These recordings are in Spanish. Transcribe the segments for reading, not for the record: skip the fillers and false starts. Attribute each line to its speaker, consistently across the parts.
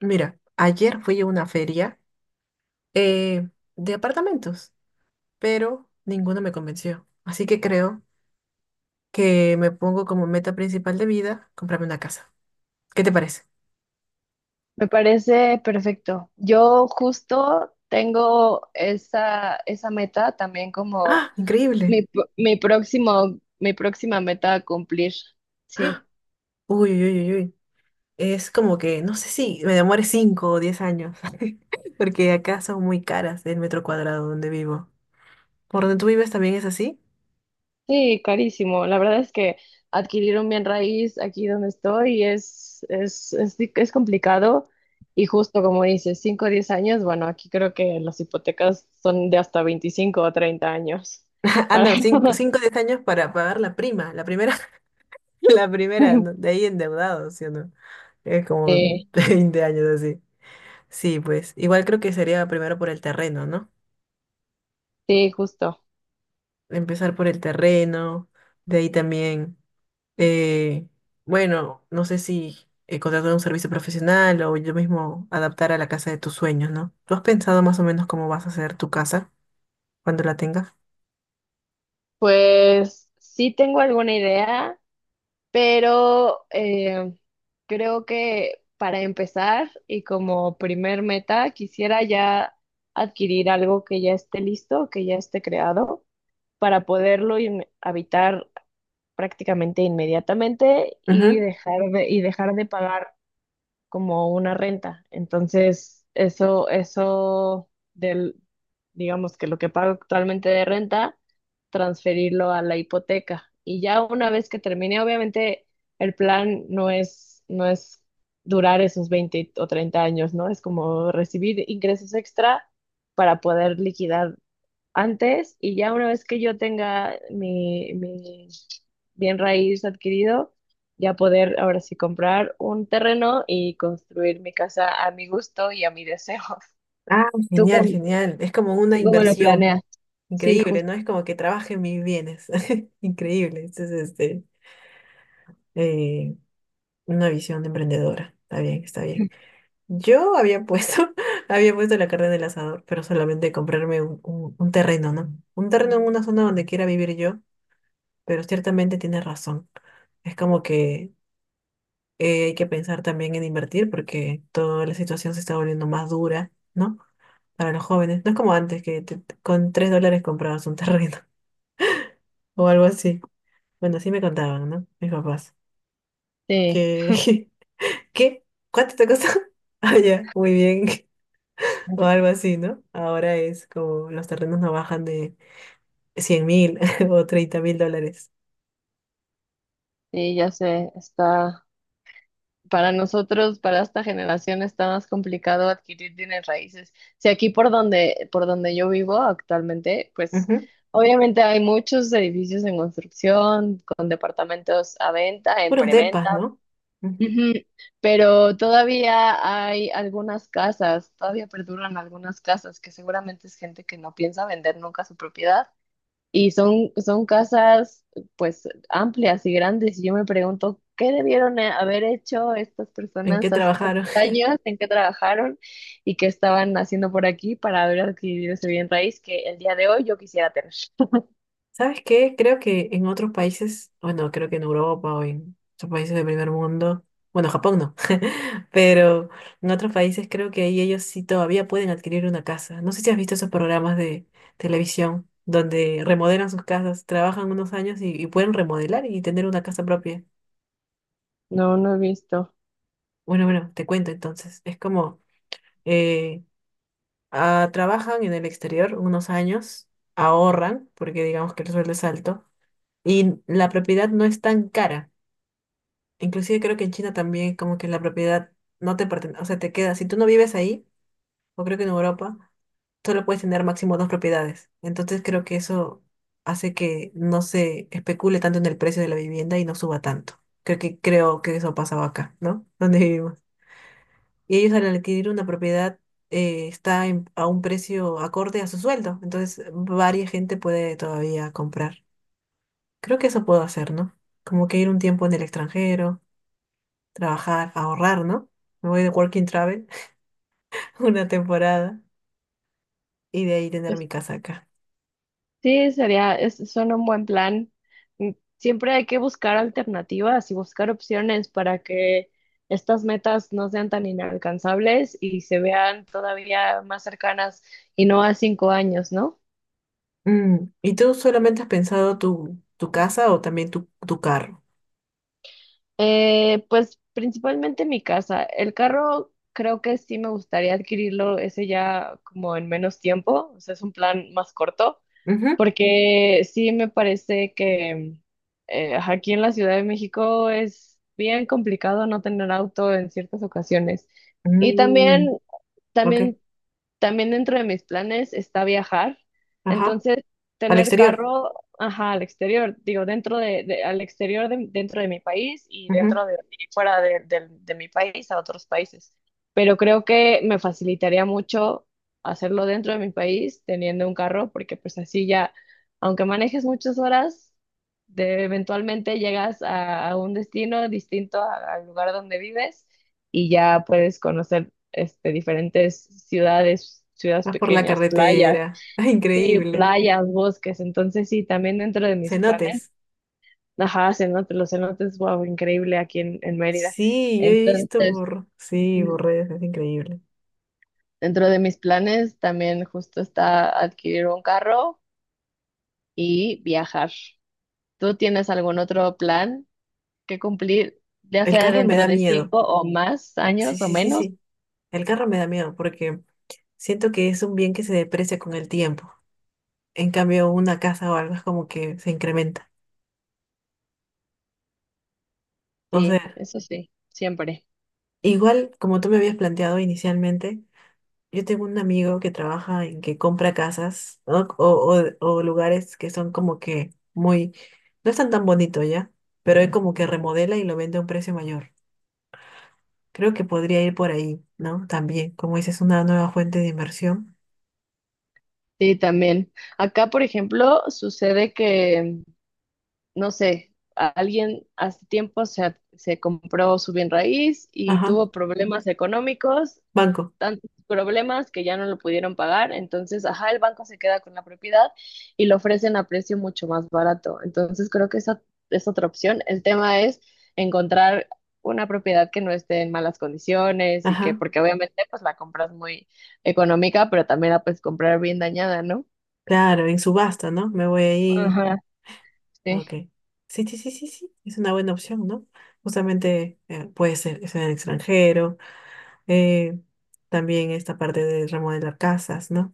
Speaker 1: Mira, ayer fui a una feria eh, de apartamentos, pero ninguno me convenció. Así que creo que me pongo como meta principal de vida comprarme una casa. ¿Qué te parece?
Speaker 2: Me parece perfecto. Yo justo tengo esa meta también como
Speaker 1: ¡Ah! Increíble.
Speaker 2: mi próximo, mi próxima meta a cumplir. Sí,
Speaker 1: Uy, uy, uy, uy, uy. Es como que, no sé si me demore 5 o 10 años, porque acá son muy caras el metro cuadrado donde vivo. ¿Por donde tú vives también es así?
Speaker 2: sí, carísimo. La verdad es que adquirir un bien raíz aquí donde estoy es complicado y justo como dices, 5 o 10 años, bueno, aquí creo que las hipotecas son de hasta 25 o 30 años.
Speaker 1: Ah,
Speaker 2: Para...
Speaker 1: no, cinco, o 10 años para pagar la primera, la primera, ¿no? De ahí endeudados, ¿sí o no? Es como
Speaker 2: Sí,
Speaker 1: 20 años así. Sí, pues igual creo que sería primero por el terreno, ¿no?
Speaker 2: sí, justo.
Speaker 1: Empezar por el terreno, de ahí también, eh, bueno, no sé si contratar un servicio profesional o yo mismo adaptar a la casa de tus sueños, ¿no? ¿Tú has pensado más o menos cómo vas a hacer tu casa cuando la tengas?
Speaker 2: Pues sí tengo alguna idea, pero creo que para empezar y como primer meta quisiera ya adquirir algo que ya esté listo, que ya esté creado, para poderlo habitar prácticamente inmediatamente y
Speaker 1: Ujú.
Speaker 2: y dejar de pagar como una renta. Entonces, eso del, digamos que lo que pago actualmente de renta, transferirlo a la hipoteca. Y ya una vez que termine, obviamente el plan no es durar esos 20 o 30 años, ¿no? Es como recibir ingresos extra para poder liquidar antes y ya una vez que yo tenga mi bien raíz adquirido, ya poder ahora sí comprar un terreno y construir mi casa a mi gusto y a mi deseo.
Speaker 1: Ah,
Speaker 2: ¿Tú
Speaker 1: genial,
Speaker 2: cómo,
Speaker 1: genial. Es como una
Speaker 2: ¿tú cómo lo
Speaker 1: inversión.
Speaker 2: planeas? Sí,
Speaker 1: Increíble,
Speaker 2: justo.
Speaker 1: ¿no? Es como que trabaje en mis bienes. Increíble. Entonces, este, eh, una visión de emprendedora. Está bien, está bien. Yo había puesto, había puesto la carne en el asador, pero solamente comprarme un terreno, ¿no? Un terreno en una zona donde quiera vivir yo, pero ciertamente tienes razón. Es como que hay que pensar también en invertir porque toda la situación se está volviendo más dura, ¿no? Para los jóvenes. No es como antes que con $3 comprabas un terreno o algo así. Bueno, así me contaban, ¿no? Mis papás.
Speaker 2: Sí,
Speaker 1: Que, ¿qué? ¿Cuánto te costó? Ah, ya, muy bien, o algo así, ¿no? Ahora es como los terrenos no bajan de 100.000 o $30.000.
Speaker 2: Sí, ya sé, está. Para para esta generación, está más complicado adquirir bienes raíces. Si aquí por donde yo vivo actualmente, pues
Speaker 1: Ujú.
Speaker 2: obviamente hay muchos edificios en construcción, con departamentos a venta, en
Speaker 1: Puros depas,
Speaker 2: preventa,
Speaker 1: ¿no? Ujú.
Speaker 2: ujú, pero todavía hay algunas casas, todavía perduran algunas casas que seguramente es gente que no piensa vender nunca su propiedad y son casas pues amplias y grandes. Y yo me pregunto, ¿qué debieron haber hecho estas
Speaker 1: ¿En qué
Speaker 2: personas hace tantos
Speaker 1: trabajaron?
Speaker 2: años? ¿En qué trabajaron? ¿Y qué estaban haciendo por aquí para haber adquirido ese bien raíz que el día de hoy yo quisiera tener?
Speaker 1: ¿Sabes qué? Creo que en otros países, bueno, creo que en Europa o en otros países del primer mundo, bueno, Japón no, pero en otros países creo que ahí ellos sí todavía pueden adquirir una casa. No sé si has visto esos programas de televisión donde remodelan sus casas, trabajan unos años y pueden remodelar y tener una casa propia.
Speaker 2: No, no he visto.
Speaker 1: Bueno, bueno, te cuento entonces. Es como, eh, trabajan en el exterior unos años, ahorran, porque digamos que el sueldo es alto, y la propiedad no es tan cara. Inclusive creo que en China también como que la propiedad no te pertenece, o sea, te queda, si tú no vives ahí, o creo que en Europa, solo puedes tener máximo dos propiedades. Entonces creo que eso hace que no se especule tanto en el precio de la vivienda y no suba tanto. Creo que eso pasaba acá, ¿no? Donde vivimos. Y ellos al adquirir una propiedad está a un precio acorde a su sueldo, entonces varia gente puede todavía comprar. Creo que eso puedo hacer, ¿no? Como que ir un tiempo en el extranjero, trabajar, ahorrar, ¿no? Me voy de Working Travel una temporada y de ahí tener mi casa acá.
Speaker 2: Sí, suena un buen plan. Mm, siempre hay que buscar alternativas y buscar opciones para que estas metas no sean tan inalcanzables y se vean todavía más cercanas y no a cinco años, ¿no?
Speaker 1: ¿Y tú solamente has pensado tu casa o también tu carro?
Speaker 2: Pues principalmente mi casa. El carro creo que sí me gustaría adquirirlo ese ya como en menos tiempo, o sea, es un plan más corto.
Speaker 1: Ujú.
Speaker 2: Porque sí me parece que aquí en la Ciudad de México es bien complicado no tener auto en ciertas ocasiones. Y
Speaker 1: Mm,
Speaker 2: también,
Speaker 1: ok,
Speaker 2: también también dentro de mis planes está viajar,
Speaker 1: ajá,
Speaker 2: entonces
Speaker 1: al
Speaker 2: tener
Speaker 1: exterior.
Speaker 2: carro, ajá, al exterior, digo, al exterior dentro de mi país y
Speaker 1: Ujú.
Speaker 2: dentro de y de mi país a otros países. Pero creo que me facilitaría mucho hacerlo dentro de mi país teniendo un carro, porque pues así ya, aunque manejes muchas horas, eventualmente a un destino distinto al lugar donde vives y ya puedes conocer este, diferentes ciudades, ciudades
Speaker 1: Vas por la
Speaker 2: pequeñas, playas,
Speaker 1: carretera,
Speaker 2: sí,
Speaker 1: increíble.
Speaker 2: playas, bosques. Entonces, sí, también dentro de mis planes,
Speaker 1: Cenotes.
Speaker 2: ajá, cenotes, los cenotes, wow, increíble aquí en Mérida.
Speaker 1: Sí, yo he visto
Speaker 2: Entonces,
Speaker 1: por, sí,
Speaker 2: ujú,
Speaker 1: por redes, es increíble.
Speaker 2: dentro de mis planes también justo está adquirir un carro y viajar. ¿Tú tienes algún otro plan que cumplir, ya
Speaker 1: El
Speaker 2: sea
Speaker 1: carro me
Speaker 2: dentro
Speaker 1: da
Speaker 2: de
Speaker 1: miedo.
Speaker 2: cinco o más
Speaker 1: Sí,
Speaker 2: años o
Speaker 1: sí, sí,
Speaker 2: menos?
Speaker 1: sí. El carro me da miedo porque siento que es un bien que se deprecia con el tiempo. En cambio, una casa o algo es como que se incrementa. O
Speaker 2: Sí,
Speaker 1: sea,
Speaker 2: eso sí, siempre.
Speaker 1: igual como tú me habías planteado inicialmente, yo tengo un amigo que trabaja en que compra casas, ¿no? O lugares que son como que muy, no están tan bonitos ya, pero él como que remodela y lo vende a un precio mayor. Creo que podría ir por ahí, ¿no? También, como dices, una nueva fuente de inversión.
Speaker 2: Sí, también. Acá, por ejemplo, sucede que, no sé, alguien hace tiempo se compró su bien raíz y
Speaker 1: Ajá,
Speaker 2: tuvo problemas económicos,
Speaker 1: banco.
Speaker 2: tantos problemas que ya no lo pudieron pagar. Entonces, ajá, el banco se queda con la propiedad y lo ofrecen a precio mucho más barato. Entonces, creo que esa es otra opción. El tema es encontrar una propiedad que no esté en malas condiciones y que,
Speaker 1: Ajá,
Speaker 2: porque obviamente, pues la compras muy económica, pero también la puedes comprar bien dañada, ¿no?
Speaker 1: claro, en subasta, ¿no? Me voy ahí.
Speaker 2: Ajá, sí.
Speaker 1: Ok. Sí, sí, sí, sí, sí. Es una buena opción, ¿no? Justamente puede ser, es en el extranjero. eh, También esta parte de remodelar casas, ¿no?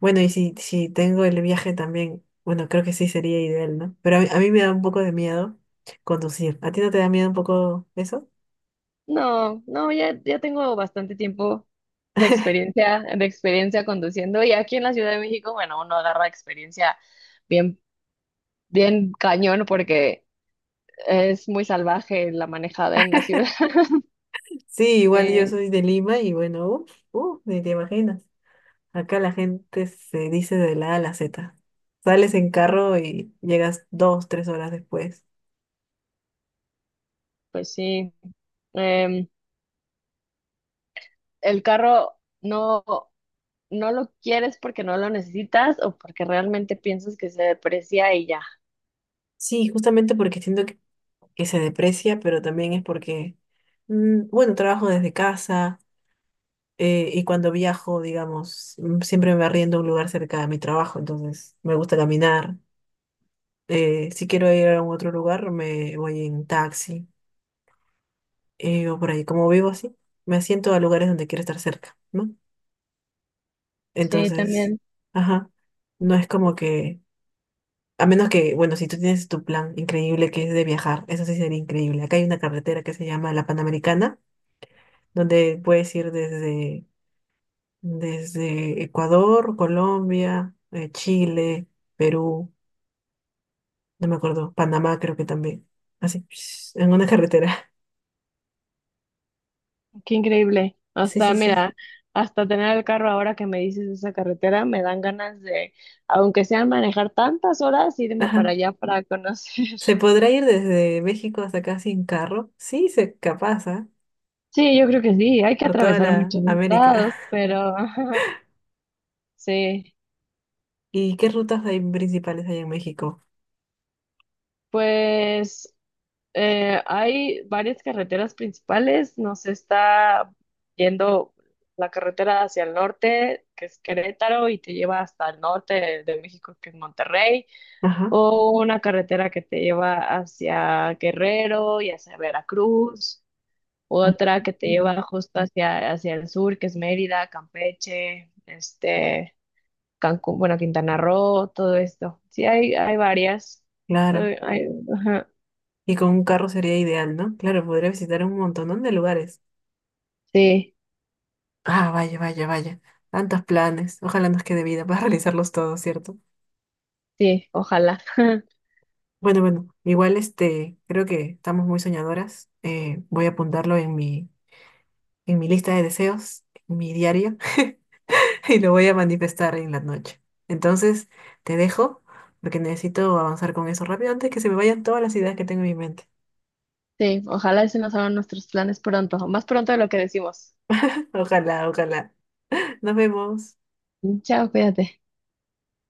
Speaker 1: Bueno, y si tengo el viaje también, bueno, creo que sí sería ideal, ¿no? Pero a mí me da un poco de miedo conducir. ¿A ti no te da miedo un poco eso?
Speaker 2: No, no, ya, ya tengo bastante tiempo de experiencia conduciendo. Y aquí en la Ciudad de México, bueno, uno agarra experiencia bien, bien cañón porque es muy salvaje la manejada en la ciudad.
Speaker 1: Sí, igual yo
Speaker 2: Sí,
Speaker 1: soy de Lima y bueno, uff, uff, ni te imaginas. Acá la gente se dice de la A a la Z. Sales en carro y llegas 2, 3 horas después.
Speaker 2: pues sí. Em, el carro no lo quieres porque no lo necesitas o porque realmente piensas que se deprecia y ya.
Speaker 1: Sí, justamente porque siento que se deprecia, pero también es porque, bueno, trabajo desde casa y cuando viajo, digamos, siempre me arriendo a un lugar cerca de mi trabajo, entonces me gusta caminar. Si quiero ir a un otro lugar, me voy en taxi. O por ahí, como vivo así, me asiento a lugares donde quiero estar cerca, ¿no?
Speaker 2: Sí,
Speaker 1: Entonces,
Speaker 2: también.
Speaker 1: ajá, no es como que, a menos que, bueno, si tú tienes tu plan increíble que es de viajar, eso sí sería increíble. Acá hay una carretera que se llama la Panamericana, donde puedes ir desde Ecuador, Colombia, Chile, Perú, no me acuerdo, Panamá creo que también, así, en una carretera.
Speaker 2: Qué increíble.
Speaker 1: Sí,
Speaker 2: Hasta,
Speaker 1: sí, sí.
Speaker 2: mira, hasta tener el carro ahora que me dices de esa carretera, me dan ganas de, aunque sea manejar tantas horas, irme para
Speaker 1: Ajá.
Speaker 2: allá para conocer.
Speaker 1: ¿Se podrá ir desde México hasta acá sin carro? Sí, se capaz, ¿ah?
Speaker 2: Sí, yo creo que sí, hay que
Speaker 1: Por toda
Speaker 2: atravesar
Speaker 1: la
Speaker 2: muchos
Speaker 1: América.
Speaker 2: estados, pero sí,
Speaker 1: ¿Y qué rutas hay principales hay en México?
Speaker 2: pues hay varias carreteras principales, nos está yendo la carretera hacia el norte, que es Querétaro, y te lleva hasta el norte de México, que es Monterrey.
Speaker 1: Ajá.
Speaker 2: O una carretera que te lleva hacia Guerrero y hacia Veracruz, otra que te
Speaker 1: Mm.
Speaker 2: lleva justo hacia el sur, que es Mérida, Campeche, este, Cancún, bueno, Quintana Roo, todo esto. Sí, hay varias.
Speaker 1: Claro.
Speaker 2: Soy- hay- ajá.
Speaker 1: Y con un carro sería ideal, ¿no? Claro, podría visitar un montón de lugares.
Speaker 2: Sí,
Speaker 1: Ah, vaya, vaya, vaya. Tantos planes. Ojalá nos quede vida para realizarlos todos, ¿cierto?
Speaker 2: sí, ojalá.
Speaker 1: Bueno, bueno, igual este, creo que estamos muy soñadoras. Voy a apuntarlo en mi lista de deseos, en mi diario. y lo voy a manifestar en la noche. Entonces, te dejo porque necesito avanzar con eso rápido antes que se me vayan todas las ideas que tengo en mi mente.
Speaker 2: Sí, ojalá se nos hagan nuestros planes pronto, más pronto de lo que decimos.
Speaker 1: Ojalá, ojalá. Nos vemos.
Speaker 2: Chao, cuídate.